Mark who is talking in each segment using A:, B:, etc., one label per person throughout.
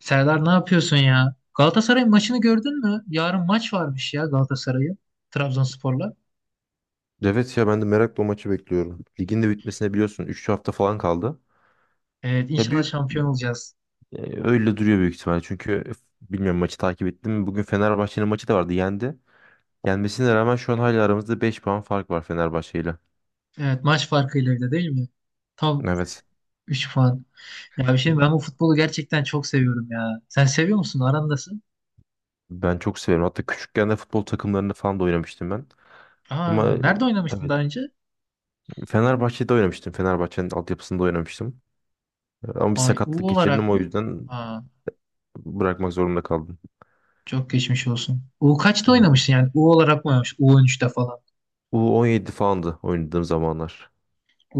A: Serdar, ne yapıyorsun ya? Galatasaray maçını gördün mü? Yarın maç varmış ya, Galatasaray'ın Trabzonspor'la.
B: Evet ya ben de merakla o maçı bekliyorum. Ligin de bitmesine biliyorsun 3 hafta falan kaldı.
A: Evet,
B: Ya
A: inşallah
B: büyük
A: şampiyon olacağız.
B: öyle duruyor büyük ihtimalle. Çünkü bilmiyorum maçı takip ettim mi? Bugün Fenerbahçe'nin maçı da vardı. Yendi. Yenmesine rağmen şu an hala aramızda 5 puan fark var Fenerbahçe ile.
A: Evet, maç farkıyla bile değil mi? Tam
B: Evet.
A: 3 puan. Ya bir şey diyeyim, ben bu futbolu gerçekten çok seviyorum ya. Sen seviyor musun? Arandasın.
B: Ben çok severim. Hatta küçükken de futbol takımlarında falan da oynamıştım ben. Ama
A: Aa, nerede oynamıştın
B: evet
A: daha önce?
B: Fenerbahçe'de oynamıştım. Fenerbahçe'nin altyapısında oynamıştım. Ama bir
A: Ay, U
B: sakatlık geçirdim
A: olarak
B: o
A: mı?
B: yüzden
A: Aa,
B: bırakmak zorunda kaldım.
A: çok geçmiş olsun. U kaçta
B: Hı.
A: oynamıştın yani? U olarak mı oynamış? U on üç'te falan.
B: U17 falandı oynadığım zamanlar.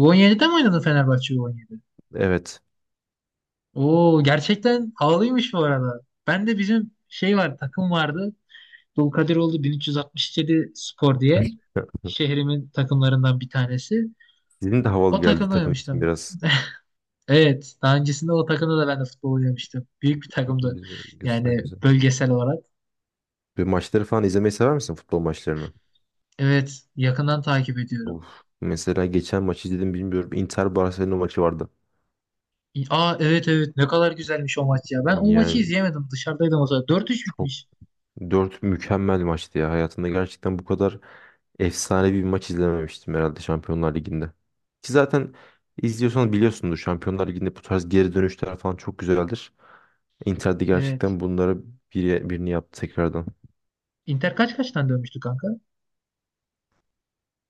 A: U17'de mi oynadın, Fenerbahçe U17?
B: Evet.
A: Oo, gerçekten havalıymış bu arada. Ben de bizim var takım vardı. Dulkadiroğlu 1367 Spor diye
B: Ya,
A: şehrimin takımlarından bir tanesi.
B: Sizin de havalı
A: O
B: geldi
A: takımda
B: takım ismi
A: oynamıştım.
B: biraz.
A: Evet, daha öncesinde o takımda da ben de futbol oynamıştım. Büyük bir takımdı
B: Güzel, güzel,
A: yani,
B: güzel.
A: bölgesel olarak.
B: Bir maçları falan izlemeyi sever misin futbol maçlarını?
A: Evet, yakından takip ediyorum.
B: Of. Mesela geçen maçı izledim bilmiyorum. Inter Barcelona maçı vardı.
A: Aa, evet evet, ne kadar güzelmiş o maç ya. Ben o maçı
B: Yani
A: izleyemedim, dışarıdaydım o zaman. Dört üç
B: çok
A: bitmiş.
B: dört mükemmel maçtı ya. Hayatımda gerçekten bu kadar efsane bir maç izlememiştim herhalde Şampiyonlar Ligi'nde. Ki zaten izliyorsanız biliyorsunuz Şampiyonlar Ligi'nde bu tarz geri dönüşler falan çok güzeldir. Inter de
A: Evet.
B: gerçekten bunlara birini yaptı tekrardan.
A: Inter kaç kaçtan dönmüştü kanka?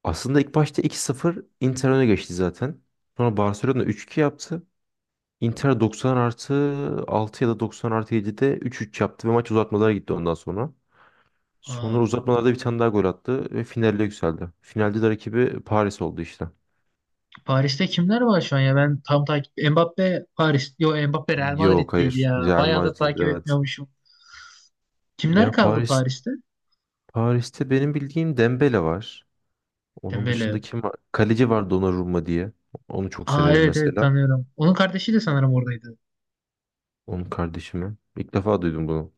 B: Aslında ilk başta 2-0 Inter öne geçti zaten. Sonra Barcelona 3-2 yaptı. Inter 90 artı 6 ya da 90 artı 7'de 3-3 yaptı ve maç uzatmalara gitti ondan sonra. Sonra
A: Aa.
B: uzatmalarda bir tane daha gol attı ve finale yükseldi. Finalde de rakibi Paris oldu işte.
A: Paris'te kimler var şu an ya? Ben tam takip... Mbappe Paris... Yo, Mbappe Real
B: Yok,
A: Madrid'deydi
B: hayır.
A: ya.
B: Real
A: Bayağıdır
B: Madrid,
A: takip
B: evet.
A: etmiyormuşum. Kimler
B: Ya
A: kaldı
B: Paris
A: Paris'te?
B: Paris'te benim bildiğim Dembele var. Onun dışında
A: Dembele.
B: kim var? Kaleci var, Donnarumma diye. Onu çok
A: Aa,
B: severim
A: evet evet,
B: mesela.
A: tanıyorum. Onun kardeşi de sanırım oradaydı.
B: Onun kardeşimi. İlk defa duydum bunu.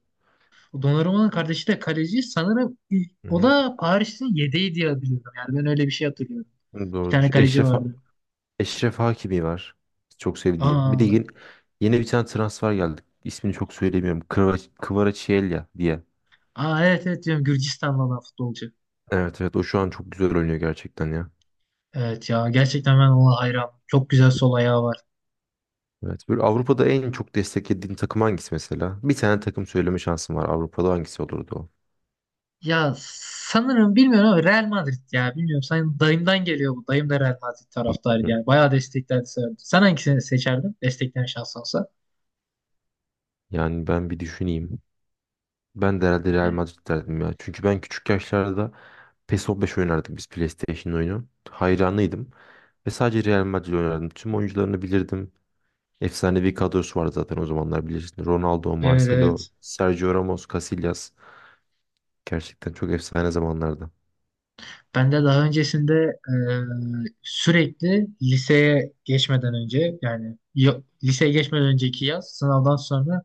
A: O Donnarumma'nın kardeşi de kaleci sanırım,
B: Hı
A: o
B: hı.
A: da Paris'in yedeği diye biliyorum. Yani ben öyle bir şey hatırlıyorum. Bir
B: Doğrudur.
A: tane kaleci vardı.
B: Eşref Hakimi var. Çok sevdiğim. Bir de
A: Aa,
B: yeni bir tane transfer geldi. İsmini çok söylemiyorum. Kvaratskhelia diye.
A: aa evet evet, diyorum Gürcistanlı olan futbolcu.
B: Evet, evet, o şu an çok güzel oynuyor gerçekten ya.
A: Evet ya, gerçekten ben ona hayran. Çok güzel sol ayağı var.
B: Evet, böyle Avrupa'da en çok desteklediğin takım hangisi mesela? Bir tane takım söyleme şansım var. Avrupa'da hangisi olurdu o?
A: Ya sanırım, bilmiyorum ama Real Madrid ya, bilmiyorum. Sen, dayımdan geliyor bu. Dayım da Real Madrid taraftarı
B: Hı.
A: yani. Bayağı desteklerdi, severdi. Sen hangisini seçerdin? Destekleyen şans olsa.
B: Yani ben bir düşüneyim. Ben de herhalde Real
A: Yani.
B: Madrid derdim ya. Çünkü ben küçük yaşlarda PES 15 oynardık, biz PlayStation oyunu. Hayranıydım. Ve sadece Real Madrid oynardım. Tüm oyuncularını bilirdim. Efsanevi kadrosu var zaten o zamanlar bilirsin. Ronaldo,
A: Evet,
B: Marcelo,
A: evet.
B: Sergio Ramos, Casillas. Gerçekten çok efsane zamanlarda.
A: Ben de daha öncesinde sürekli liseye geçmeden önce yani liseye geçmeden önceki yaz, sınavdan sonra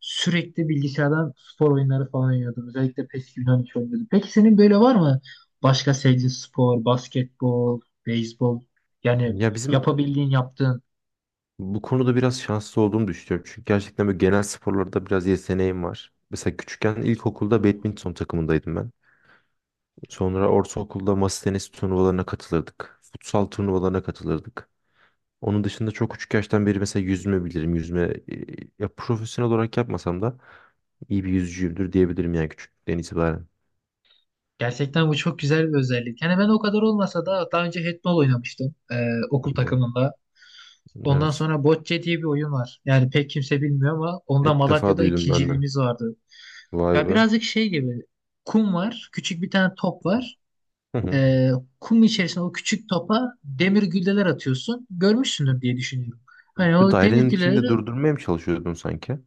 A: sürekli bilgisayardan spor oyunları falan oynuyordum. Özellikle PES 2013 oynuyordum. Peki, senin böyle var mı başka sevdiğin spor, basketbol, beyzbol yani,
B: Ya bizim
A: yapabildiğin yaptığın?
B: bu konuda biraz şanslı olduğumu düşünüyorum. Çünkü gerçekten böyle genel sporlarda biraz yeteneğim var. Mesela küçükken ilkokulda
A: Oo.
B: badminton takımındaydım ben. Sonra ortaokulda masa tenisi turnuvalarına katılırdık. Futsal turnuvalarına katılırdık. Onun dışında çok küçük yaştan beri mesela yüzme bilirim. Yüzme e, ya profesyonel olarak yapmasam da iyi bir yüzücüyümdür diyebilirim yani küçüklükten itibaren.
A: Gerçekten bu çok güzel bir özellik. Yani ben o kadar olmasa da daha önce handball oynamıştım
B: Hı
A: okul
B: hı.
A: takımında. Ondan
B: Evet.
A: sonra Bocce diye bir oyun var. Yani pek kimse bilmiyor ama onda
B: İlk defa
A: Malatya'da
B: duydum ben de.
A: ikinciliğimiz vardı.
B: Vay
A: Ya,
B: be.
A: birazcık şey gibi, kum var. Küçük bir tane top var.
B: Hı hı.
A: Ee, Kum içerisine o küçük topa demir gülleler atıyorsun. Görmüşsündür diye düşünüyorum. Hani
B: Bu
A: o demir
B: dairenin içinde
A: gülleleri
B: durdurmaya mı çalışıyordun sanki?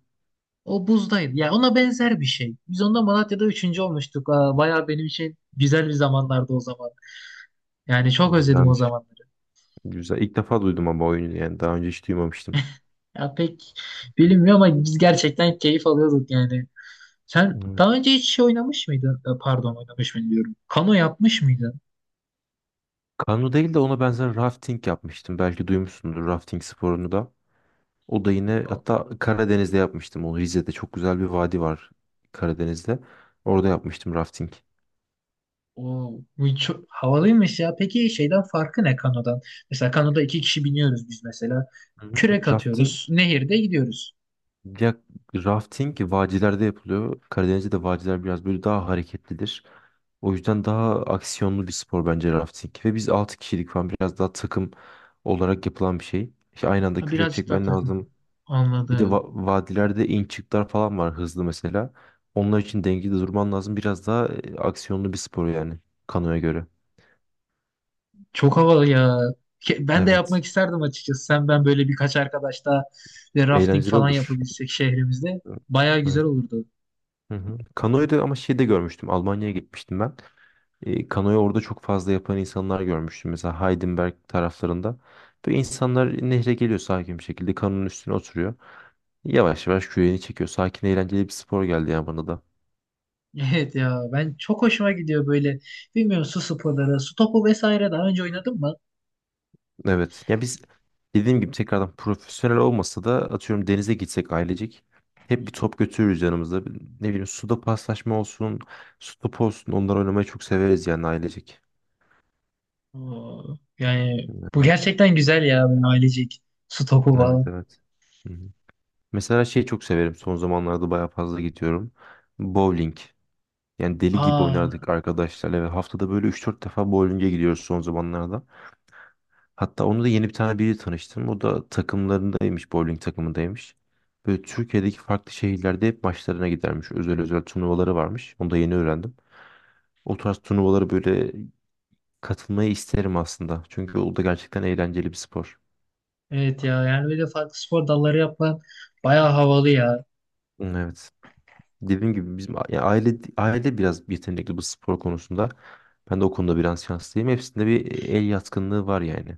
A: o buzdaydı. Ya, ona benzer bir şey. Biz onda Malatya'da üçüncü olmuştuk. Aa, bayağı benim için güzel bir zamanlardı o zaman. Yani çok özledim o
B: Güzelmiş.
A: zamanları.
B: Güzel. İlk defa duydum ama oyunu yani. Daha önce hiç duymamıştım.
A: Ya pek bilinmiyor ama biz gerçekten keyif alıyorduk yani. Sen
B: Evet.
A: daha önce hiç şey oynamış mıydın? Pardon, oynamış mı diyorum. Kano yapmış mıydın?
B: Kano değil de ona benzer rafting yapmıştım. Belki duymuşsundur rafting sporunu da. O da yine
A: O,
B: hatta Karadeniz'de yapmıştım onu. Rize'de çok güzel bir vadi var Karadeniz'de. Orada yapmıştım rafting.
A: bu çok havalıymış ya. Peki, şeyden farkı ne, kanodan? Mesela kanoda iki kişi biniyoruz biz mesela.
B: Hı hı.
A: Kürek atıyoruz. Nehirde gidiyoruz.
B: Ya rafting vadilerde yapılıyor. Karadeniz'de de vadiler biraz böyle daha hareketlidir. O yüzden daha aksiyonlu bir spor bence rafting. Ve biz 6 kişilik falan biraz daha takım olarak yapılan bir şey. İşte aynı
A: Ha,
B: anda kürek
A: birazcık daha
B: çekmen
A: takın.
B: lazım. Bir de
A: Anladım.
B: vadilerde in çıklar falan var hızlı mesela. Onlar için dengede durman lazım. Biraz daha aksiyonlu bir spor yani kanoya göre.
A: Çok havalı ya. Ben de yapmak
B: Evet.
A: isterdim açıkçası. Sen, ben böyle birkaç arkadaş daha ve rafting
B: Eğlenceli
A: falan
B: olur.
A: yapabilsek şehrimizde, bayağı güzel
B: Evet.
A: olurdu.
B: Hı hı. Kanoyu da ama şeyde görmüştüm. Almanya'ya gitmiştim ben. Kanoyu orada çok fazla yapan insanlar görmüştüm. Mesela Heidenberg taraflarında. Böyle insanlar nehre geliyor sakin bir şekilde. Kanonun üstüne oturuyor. Yavaş yavaş küreğini çekiyor. Sakin, eğlenceli bir spor geldi ya bana da.
A: Evet ya, ben çok hoşuma gidiyor böyle, bilmiyorum, su sporları, su topu vesaire daha önce oynadın mı?
B: Evet. Ya biz dediğim gibi tekrardan profesyonel olmasa da atıyorum denize gitsek ailecek. Hep bir top götürürüz yanımızda. Ne bileyim, suda paslaşma olsun, su topu olsun. Onlar oynamayı çok severiz yani ailecek.
A: Oo, yani bu
B: Evet.
A: gerçekten güzel ya, böyle ailecek su topu
B: Evet,
A: falan.
B: evet. Hı hı. Mesela şeyi çok severim. Son zamanlarda bayağı fazla gidiyorum. Bowling. Yani deli gibi oynardık
A: Aa
B: arkadaşlarla ve haftada böyle üç dört defa bowling'e gidiyoruz son zamanlarda. Hatta onu da yeni bir tane biri tanıştım. O da takımlarındaymış, bowling takımındaymış. Böyle Türkiye'deki farklı şehirlerde hep maçlarına gidermiş. Özel özel turnuvaları varmış. Onu da yeni öğrendim. O tarz turnuvalara böyle katılmayı isterim aslında. Çünkü o da gerçekten eğlenceli bir spor.
A: evet ya, yani böyle farklı spor dalları yapman bayağı havalı ya.
B: Evet. Dediğim gibi bizim yani aile biraz yetenekli bu spor konusunda. Ben de o konuda biraz şanslıyım. Hepsinde bir el yatkınlığı var yani.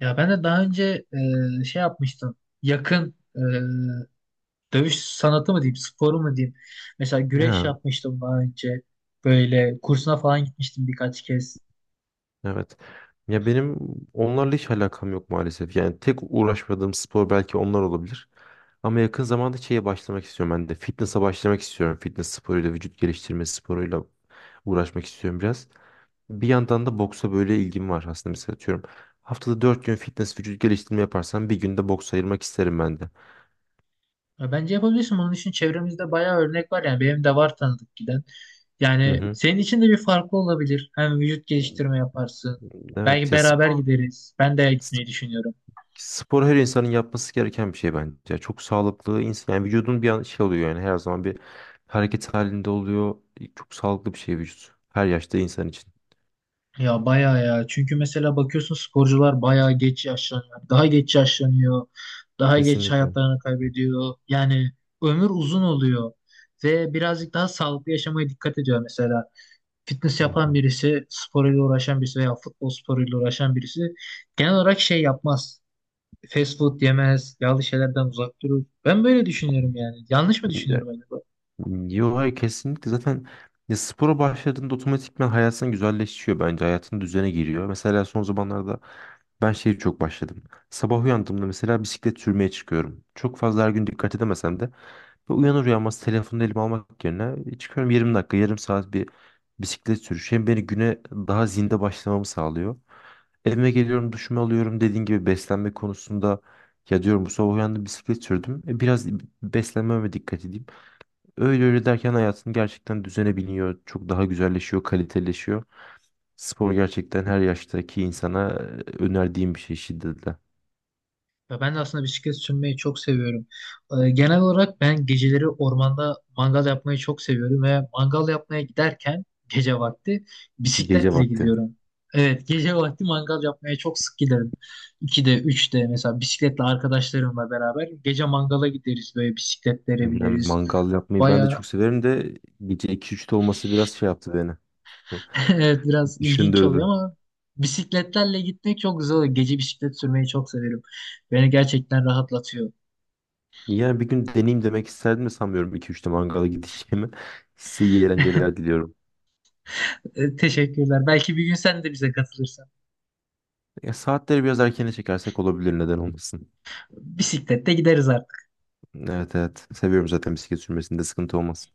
A: Ya ben de daha önce şey yapmıştım, yakın dövüş sanatı mı diyeyim, sporu mu diyeyim. Mesela güreş
B: Ya,
A: yapmıştım daha önce, böyle kursuna falan gitmiştim birkaç kez.
B: evet. Ya benim onlarla hiç alakam yok maalesef. Yani tek uğraşmadığım spor belki onlar olabilir. Ama yakın zamanda şeye başlamak istiyorum ben de. Fitness'a başlamak istiyorum. Fitness sporuyla, vücut geliştirme sporuyla uğraşmak istiyorum biraz. Bir yandan da boksa böyle ilgim var aslında. Mesela atıyorum haftada 4 gün fitness vücut geliştirme yaparsam bir günde boks ayırmak isterim ben de.
A: Ya bence yapabilirsin. Bunun için çevremizde bayağı örnek var. Yani benim de var tanıdık giden. Yani
B: Hı
A: senin için de bir farklı olabilir. Hem vücut
B: hı.
A: geliştirme yaparsın. Belki
B: Evet ya,
A: beraber gideriz. Ben de
B: sp-
A: gitmeyi düşünüyorum.
B: spor her insanın yapması gereken bir şey bence. Ya, çok sağlıklı insan yani vücudun bir an şey oluyor yani her zaman bir hareket halinde oluyor. Çok sağlıklı bir şey vücut. Her yaşta insan için.
A: Ya bayağı ya. Çünkü mesela bakıyorsun, sporcular bayağı geç yaşlanıyor. Daha geç yaşlanıyor. Daha geç
B: Kesinlikle.
A: hayatlarını kaybediyor. Yani ömür uzun oluyor. Ve birazcık daha sağlıklı yaşamaya dikkat ediyor mesela. Fitness
B: Hı
A: yapan
B: hı.
A: birisi, sporuyla uğraşan birisi veya futbol sporuyla uğraşan birisi genel olarak şey yapmaz. Fast food yemez, yağlı şeylerden uzak durur. Ben böyle düşünüyorum yani. Yanlış mı
B: Ya-
A: düşünüyorum acaba?
B: Yo, hayır, kesinlikle zaten ya spora başladığında otomatikman hayatın güzelleşiyor bence. Hayatın düzene giriyor. Mesela son zamanlarda ben şeyi çok başladım. Sabah uyandığımda mesela bisiklet sürmeye çıkıyorum. Çok fazla her gün dikkat edemesem de. Ve uyanır uyanmaz telefonu elime almak yerine, " çıkıyorum 20 dakika, yarım saat bir bisiklet sürüşü. Hem beni güne daha zinde başlamamı sağlıyor. Evime geliyorum, duşumu alıyorum. Dediğin gibi beslenme konusunda ya diyorum bu sabah uyandım, bisiklet sürdüm. Biraz beslenmeme dikkat edeyim. Öyle öyle derken hayatın gerçekten düzene biniyor. Çok daha güzelleşiyor, kaliteleşiyor. Spor gerçekten her yaştaki insana önerdiğim bir şey şiddetle.
A: Ya ben de aslında bisiklet sürmeyi çok seviyorum. Genel olarak ben geceleri ormanda mangal yapmayı çok seviyorum ve mangal yapmaya giderken gece vakti
B: Gece
A: bisikletle
B: vakti.
A: gidiyorum. Evet, gece vakti mangal yapmaya çok sık giderim. 2'de, 3'te mesela bisikletle arkadaşlarımla beraber gece mangala gideriz, böyle bisikletlere
B: Yani
A: bineriz.
B: mangal yapmayı ben de
A: Baya
B: çok severim de gece iki üçte olması biraz şey yaptı beni.
A: evet biraz ilginç oluyor
B: Düşündürdü.
A: ama bisikletlerle gitmek çok güzel oluyor. Gece bisiklet sürmeyi çok severim. Beni gerçekten rahatlatıyor.
B: Yani bir gün deneyeyim demek isterdim de sanmıyorum iki üçte mangala gideceğimi. Size iyi eğlenceler diliyorum.
A: Teşekkürler. Belki bir gün sen de bize katılırsan.
B: Ya saatleri biraz erkene çekersek olabilir, neden olmasın.
A: Bisiklette gideriz
B: Evet, evet. Seviyorum zaten, bisiklet sürmesinde sıkıntı olmaz.